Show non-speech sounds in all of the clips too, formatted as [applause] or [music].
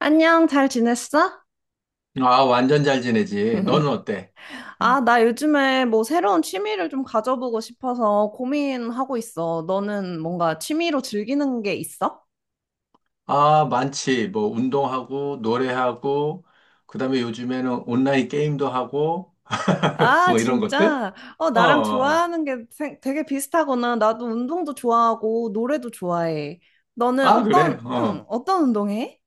안녕, 잘 지냈어? 아, 완전 잘 지내지. 너는 [laughs] 어때? 아, 나 요즘에 뭐 새로운 취미를 좀 가져보고 싶어서 고민하고 있어. 너는 뭔가 취미로 즐기는 게 있어? 아, 많지. 뭐, 운동하고, 노래하고, 그 다음에 요즘에는 온라인 게임도 하고, [laughs] 아, 뭐 이런 것들? 진짜? 어, 어. 어, 나랑 어. 좋아하는 게 되게 비슷하구나. 나도 운동도 좋아하고 노래도 좋아해. 너는 아, 그래. 어떤, 응, 어. 어떤 운동해?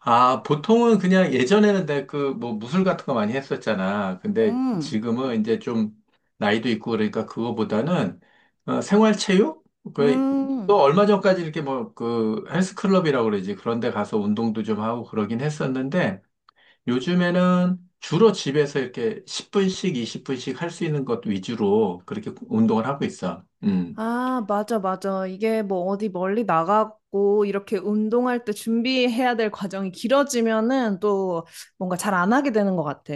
아, 보통은 그냥 예전에는 내가 그, 뭐, 무술 같은 거 많이 했었잖아. 근데 음, 지금은 이제 좀 나이도 있고 그러니까 그거보다는 어, 생활체육? 그, 음. 또 얼마 전까지 이렇게 뭐, 그, 헬스클럽이라고 그러지. 그런 데 가서 운동도 좀 하고 그러긴 했었는데, 요즘에는 주로 집에서 이렇게 10분씩, 20분씩 할 수 있는 것 위주로 그렇게 운동을 하고 있어. 음. 아, 맞아, 맞아. 이게 뭐 어디 멀리 나가고 이렇게 운동할 때 준비해야 될 과정이 길어지면은 또 뭔가 잘 안 하게 되는 것 같아.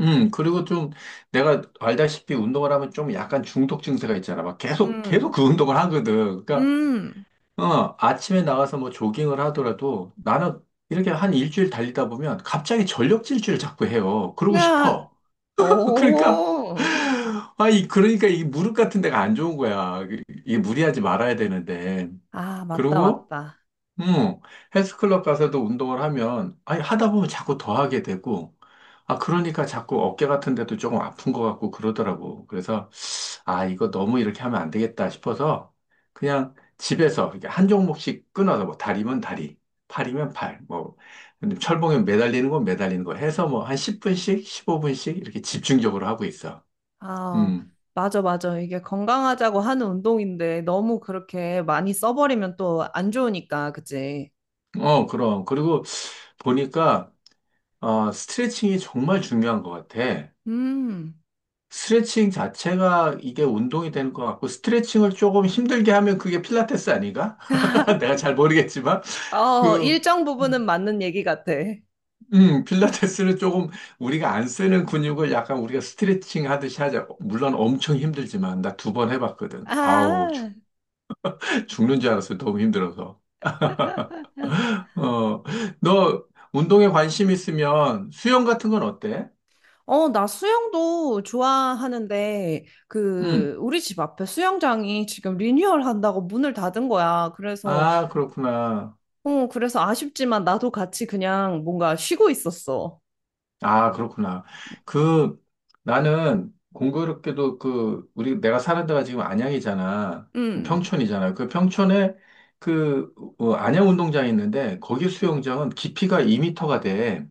그리고 좀 내가 알다시피 운동을 하면 좀 약간 중독 증세가 있잖아. 막 계속 음, 그 운동을 하거든. 그러니까, 음, 어, 아침에 나가서 뭐 조깅을 하더라도 나는 이렇게 한 일주일 달리다 보면 갑자기 전력 질주를 자꾸 해요. 그러고 아, 싶어. [laughs] 그러니까 오, 아, 이, 그러니까 이 무릎 같은 데가 안 좋은 거야. 이게 무리하지 말아야 되는데. 아, 맞다, 그리고 맞다. 음, 헬스클럽 가서도 운동을 하면, 아니, 하다 보면 자꾸 더 하게 되고, 아, 그러니까 자꾸 어깨 같은 데도 조금 아픈 것 같고 그러더라고. 그래서, 아, 이거 너무 이렇게 하면 안 되겠다 싶어서, 그냥 집에서 이렇게 한 종목씩 끊어서, 뭐, 다리면 다리, 팔이면 팔, 뭐, 근데 철봉에 매달리는 건 매달리는 거 해서 뭐, 한 10분씩, 15분씩 이렇게 집중적으로 하고 있어. 아, 음, 맞아, 맞아. 이게 건강하자고 하는 운동인데 너무 그렇게 많이 써버리면 또 안 좋으니까, 그치? 어, 그럼. 그리고 보니까, 어, 스트레칭이 정말 중요한 것 같아. 음, 스트레칭 자체가 이게 운동이 되는 것 같고, 스트레칭을 조금 힘들게 하면 그게 필라테스 아닌가? [laughs] 내가 잘 모르겠지만, 어, 그, 일정 부분은 맞는 얘기 같아. 필라테스는 조금 우리가 안 쓰는 근육을 약간 우리가 스트레칭 하듯이 하자. 물론 엄청 힘들지만, 나 두 번 해봤거든. 아우, 죽, 아. 죽는 줄 알았어. 너무 힘들어서. [laughs] 어, 너 운동에 관심 있으면 수영 같은 건 어때? 어, 나 수영도 좋아하는데, 음, 그, 우리 집 앞에 수영장이 지금 리뉴얼 한다고 문을 닫은 거야. 그래서, 아, 그렇구나. 어, 그래서 아쉽지만 나도 같이 그냥 뭔가 쉬고 있었어. 아, 그렇구나. 그, 나는 공교롭게도 그, 우리, 내가 사는 데가 지금 안양이잖아. 음, 평촌이잖아. 그 평촌에 그, 어, 안양 운동장이 있는데, 거기 수영장은 깊이가 2터가 돼.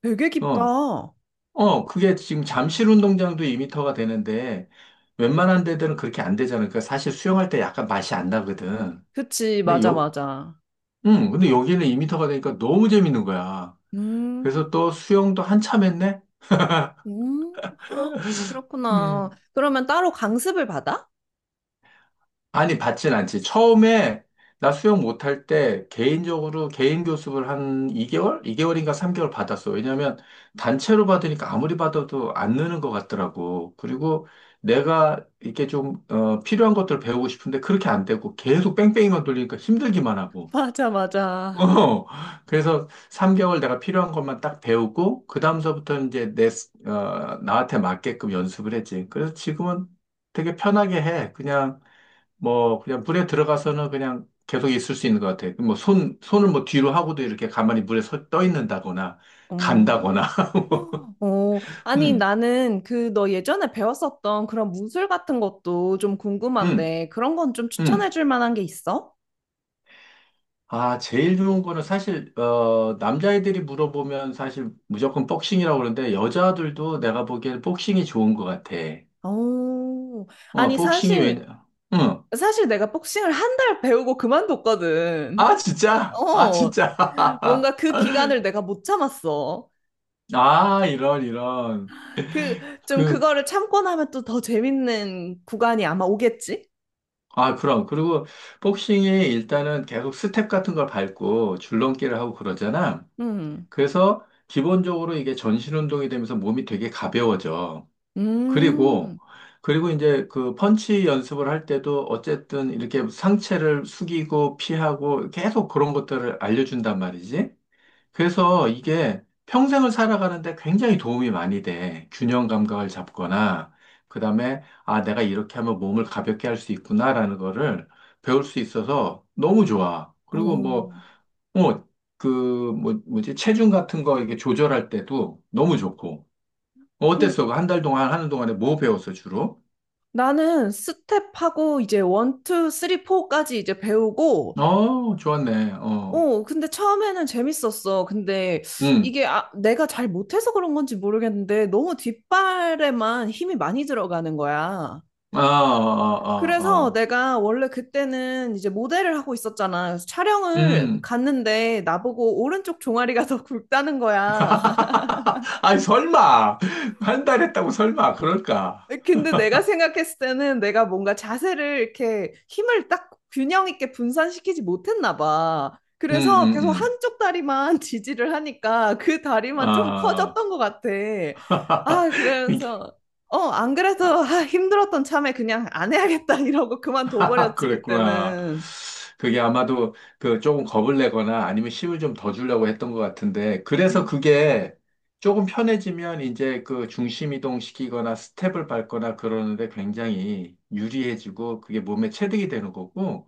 되게 어, 깊다. 어, 그게 지금 잠실 운동장도 2터가 되는데, 웬만한 데들은 그렇게 안 되잖아. 그러니까 사실 수영할 때 약간 맛이 안 나거든. 그치, 근데 맞아, 요, 맞아. 응, 근데 여기는 2터가 되니까 너무 재밌는 거야. 음, 그래서 또 수영도 한참 했네? [gasps] 헉, 그렇구나. 음. 그러면 따로 강습을 받아? 아니, 받진 않지. 처음에 나 수영 못할 때 개인적으로 개인 교습을 한 2개월? 2개월인가 3개월 받았어. 왜냐면 단체로 받으니까 아무리 받아도 안 느는 것 같더라고. 그리고 내가 이렇게 좀, 어, 필요한 것들을 배우고 싶은데 그렇게 안 되고 계속 뺑뺑이만 돌리니까 힘들기만 [laughs] 하고. 맞아, [laughs] 맞아. 어, 그래서 3개월 내가 필요한 것만 딱 배우고, 그 다음서부터는 이제 내, 스- 어, 나한테 맞게끔 연습을 했지. 그래서 지금은 되게 편하게 해. 그냥 뭐 그냥 물에 들어가서는 그냥 계속 있을 수 있는 것 같아요. 뭐 손을 뭐 뒤로 하고도 이렇게 가만히 물에 떠 있는다거나 음. 간다거나. [laughs] 뭐, 어, 아니, 음, 나는 그 너 예전에 배웠었던 그런 무술 같은 것도 좀 음, 궁금한데, 그런 건 좀 추천해 음. 줄 만한 게 있어? 아, 제일 좋은 거는 사실 어, 남자애들이 물어보면 사실 무조건 복싱이라고 그러는데 여자들도 내가 보기엔 복싱이 좋은 것 같아. 어, 어, 아니, 복싱이 왜? 사실, 응. 사실 내가 복싱을 한 달 배우고 그만뒀거든. 아, 진짜? 아, 어, 진짜? [laughs] 뭔가 그 기간을 내가 못 참았어. 아, 이런 이런. 그, 좀 그 그거를 참고 나면 또 더 재밌는 구간이 아마 오겠지? 아, 그럼. 그리고 복싱이 일단은 계속 스텝 같은 걸 밟고 줄넘기를 하고 그러잖아. 음, 그래서 기본적으로 이게 전신 운동이 되면서 몸이 되게 가벼워져. 음, 그리고, 그리고 이제 그 펀치 연습을 할 때도 어쨌든 이렇게 상체를 숙이고 피하고 계속 그런 것들을 알려준단 말이지. 그래서 이게 평생을 살아가는데 굉장히 도움이 많이 돼. 균형 감각을 잡거나, 그 다음에, 아, 내가 이렇게 하면 몸을 가볍게 할 수 있구나라는 거를 배울 수 있어서 너무 좋아. 그리고 뭐, 어. 뭐, 그, 뭐, 뭐지, 체중 같은 거 이게 조절할 때도 너무 좋고. 어, 음, 어땠어? 그 한달 동안 하는 동안에 뭐 배웠어, 주로? 나는 스텝하고 이제 원, 투, 쓰리, 포까지 이제 배우고, 어, 좋았네. 어, 어, 근데 처음에는 재밌었어. 근데 응. 이게 아, 내가 잘 못해서 그런 건지 모르겠는데 너무 뒷발에만 힘이 많이 들어가는 거야. 아, 아, 아, 그래서 아. 내가 원래 그때는 이제 모델을 하고 있었잖아. 그래서 촬영을 음, 갔는데 나보고 오른쪽 종아리가 [laughs] 더 굵다는 거야. [laughs] 아니, 설마. 한 달 했다고 설마. 그럴까? 근데 내가 생각했을 때는 내가 뭔가 자세를 이렇게 힘을 딱 균형 있게 분산시키지 못했나 봐. 음, 그래서 음, 계속 음. 한쪽 다리만 [laughs] 지지를 하니까 그 다리만 좀 아, 커졌던 것 같아. [laughs] 아, 이게, 그래서, 어, 안 그래도 [laughs] 아, 힘들었던 참에 그냥 안 해야겠다 [laughs] 이러고 그만둬버렸지, 그랬구나. 그때는. 그게 아마도 그 조금 겁을 내거나 아니면 힘을 좀 더 주려고 했던 것 같은데. 그래서 음, 그게 조금 편해지면 이제 그 중심 이동시키거나 스텝을 밟거나 그러는데 굉장히 유리해지고 그게 몸에 체득이 되는 거고.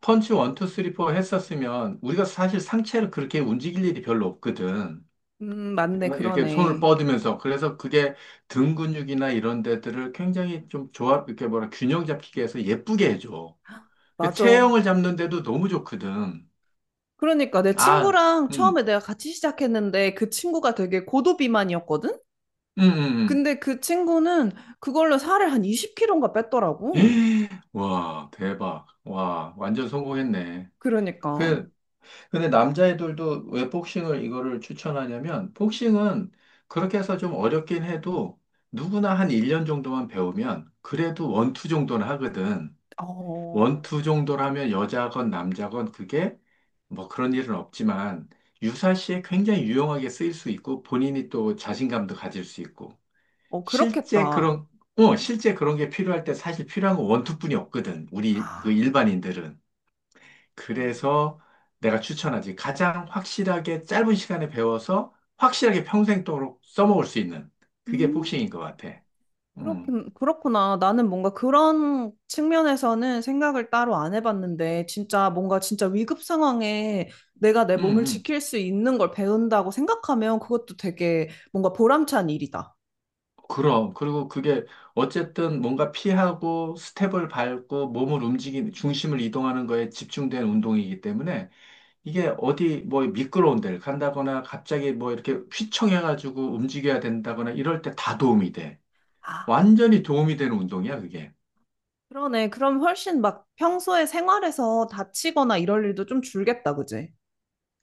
펀치 원, 투, 쓰리, 포 했었으면 우리가 사실 상체를 그렇게 움직일 일이 별로 없거든. 맞네, 어, 이렇게 손을 그러네. 뻗으면서. 그래서 그게 등 근육이나 이런 데들을 굉장히 좀 조합, 이렇게 뭐라, 균형 잡히게 해서 예쁘게 해줘. 그 맞아. 체형을 잡는데도 너무 좋거든. 그러니까 내 아, 친구랑 음, 처음에 내가 같이 시작했는데 그 친구가 되게 고도비만이었거든? 음. 근데 그 친구는 그걸로 살을 한 20kg인가 [gasps] 뺐더라고. 예, 와, 대박. 와, 완전 성공했네. 그러니까, 그 근데 남자애들도 왜 복싱을 이거를 추천하냐면, 복싱은 그렇게 해서 좀 어렵긴 해도 누구나 한 1년 정도만 배우면 그래도 원투 정도는 하거든. 어, 원투 정도라면 여자건 남자건 그게 뭐 그런 일은 없지만 유사시에 굉장히 유용하게 쓰일 수 있고 본인이 또 자신감도 가질 수 있고 어, 실제 그렇겠다. 그런, 어, 실제 그런 게 필요할 때 사실 필요한 건 원투뿐이 없거든. 우리 그 아, 일반인들은. 그래서 내가 추천하지. 가장 확실하게 짧은 시간에 배워서 확실하게 평생도록 써먹을 수 있는 그게 음, 복싱인 것 같아. 음, 그렇긴, 그렇구나. 나는 뭔가 그런 측면에서는 생각을 따로 안 해봤는데, 진짜 뭔가 진짜 위급 상황에 내가 내 음, 몸을 음. 지킬 수 있는 걸 배운다고 생각하면 그것도 되게 뭔가 보람찬 일이다. 그럼. 그리고 그게 어쨌든 뭔가 피하고 스텝을 밟고 몸을 움직이는, 중심을 이동하는 거에 집중된 운동이기 때문에 이게 어디 뭐 미끄러운 데를 간다거나 갑자기 뭐 이렇게 휘청해가지고 움직여야 된다거나 이럴 때 다 도움이 돼. 아, 완전히 도움이 되는 운동이야, 그게. 그러네. 그럼 훨씬 막 평소에 생활에서 다치거나 이럴 일도 좀 줄겠다, 그지?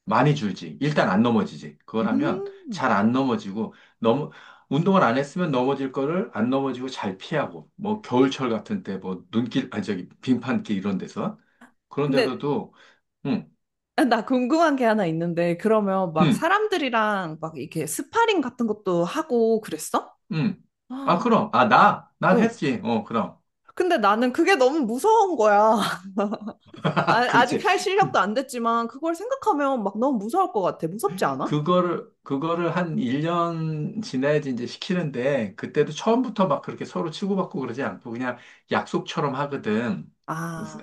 많이 줄지. 일단 안 넘어지지. 그걸 하면 음. 잘 안 넘어지고, 너무, 운동을 안 했으면 넘어질 거를 안 넘어지고 잘 피하고, 뭐 겨울철 같은 때, 뭐 눈길, 아니 저기 빙판길 이런 데서. 그런 근데 데서도, 응, 아, 나 궁금한 게 하나 있는데 그러면 막 응, 사람들이랑 막 이렇게 스파링 같은 것도 하고 그랬어? 응. 아, 아, 그럼. 아, 나? 난 응. 했지. 어, 그럼. 근데 나는 그게 너무 무서운 거야. [laughs] 아, [laughs] 그렇지. 아직 할 실력도 그 안 됐지만 그걸 생각하면 막 너무 무서울 것 같아. 무섭지 않아? 그거를 한 1년 지나야지 이제 시키는데, 그때도 처음부터 막 그렇게 서로 치고받고 그러지 않고 그냥 약속처럼 하거든.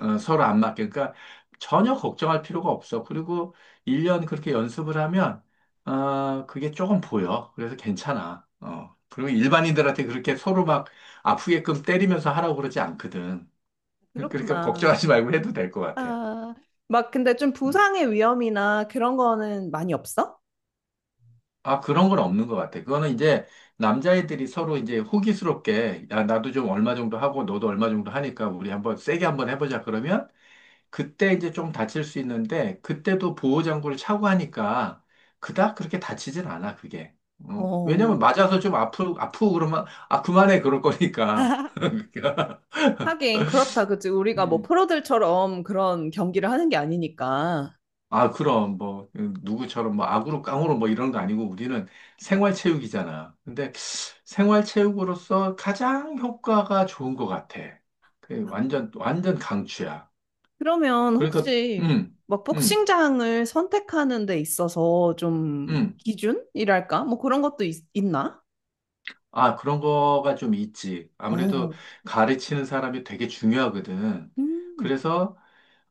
어, 서로 안 맞게. 그러니까 전혀 걱정할 필요가 없어. 그리고 1년 그렇게 연습을 하면, 아, 그게 조금 보여. 그래서 괜찮아. 어. 그리고 일반인들한테 그렇게 서로 막 아프게끔 때리면서 하라고 그러지 않거든. [laughs] 그러니까 그렇구나. 걱정하지 말고 해도 될 것 같아. 아, 막 근데 좀 음. 부상의 위험이나 그런 거는 많이 없어? 아, 그런 건 없는 것 같아. 그거는 이제 남자애들이 서로 이제 호기스럽게, 야, 나도 좀 얼마 정도 하고 너도 얼마 정도 하니까 우리 한번 세게 한번 해보자. 그러면 그때 이제 좀 다칠 수 있는데 그때도 보호장구를 차고 하니까 그닥 그렇게 다치진 않아, 그게. 어, 왜냐면 어. 맞아서 좀 아프고 그러면, 아, 그만해. 그럴 거니까. [laughs] [laughs] 그러니까. 하긴 그렇다, 그치? 우리가 뭐 프로들처럼 그런 경기를 하는 게 아니니까. 아, 그럼, 뭐, 누구처럼, 뭐, 악으로 깡으로 뭐 이런 거 아니고 우리는 생활체육이잖아. 근데 생활체육으로서 가장 효과가 좋은 것 같아. 그 완전, 완전 강추야. 그러면 그러니까, 혹시 음, 막 음, 복싱장을 선택하는 데 있어서 좀 음. 기준이랄까? 뭐 그런 것도 있, 나 아, 그런 거가 좀 있지. 아무래도 오. 가르치는 사람이 되게 중요하거든. 음. 그래서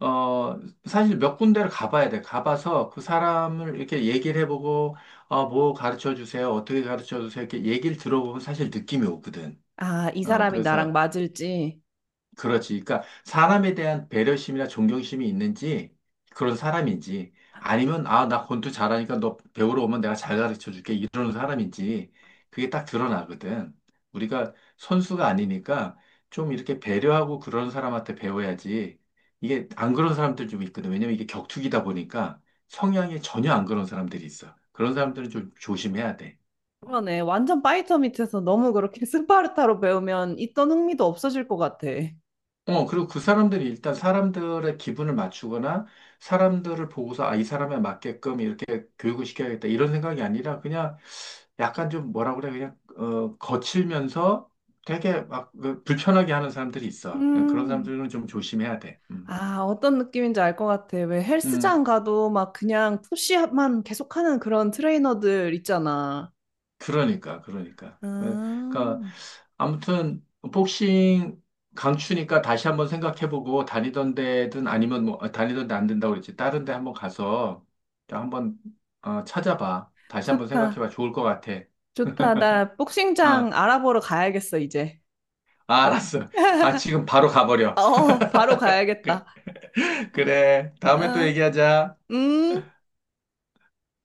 어, 사실 몇 군데를 가봐야 돼. 가봐서 그 사람을 이렇게 얘기를 해보고, 어, 뭐 가르쳐 주세요. 어떻게 가르쳐 주세요. 이렇게 얘기를 들어보면 사실 느낌이 오거든. 아, 이 어, 사람이 나랑 그래서 맞을지. 그렇지. 그러니까 사람에 대한 배려심이나 존경심이 있는지 그런 사람인지 아니면 아, 나 권투 잘하니까 너 배우러 오면 내가 잘 가르쳐 줄게 이러는 사람인지 그게 딱 드러나거든. 우리가 선수가 아니니까 좀 이렇게 배려하고 그런 사람한테 배워야지 이게 안 그런 사람들 좀 있거든. 왜냐면 이게 격투기다 보니까 성향이 전혀 안 그런 사람들이 있어. 그런 아, 사람들은 좀 조심해야 돼. 어. 그러네. 완전 파이터 밑에서 너무 그렇게 [laughs] 스파르타로 배우면 있던 흥미도 없어질 것 같아. 어, 그리고 그 사람들이 일단 사람들의 기분을 맞추거나 사람들을 보고서 아, 이 사람에 맞게끔 이렇게 교육을 시켜야겠다 이런 생각이 아니라 그냥 약간 좀 뭐라 그래 그냥 어, 거칠면서 되게 막그 불편하게 하는 사람들이 있어. 그런 음. 사람들은 좀 조심해야 돼. 음. 아, 어떤 느낌인지 알 것 같아. 왜 음. 헬스장 가도 막 그냥 푸시업만 계속하는 그런 트레이너들 있잖아. 그러니까, 그러니까. 아, 네, 그러니까 아무튼 복싱 강추니까 다시 한번 생각해보고 다니던 데든 아니면 뭐 아, 다니던 데 안 된다고 그랬지. 다른 데 한번 가서 좀 한번 어, 찾아봐. 다시 한번 좋다. 생각해봐. 좋을 것 같아. 좋다. 나 어, 복싱장 아, 알아보러 가야겠어, 이제. 알았어. 아, 지금 바로 가버려. 어, 바로 가야겠다. [laughs] 그래. 다음에 또 아, 얘기하자. 음.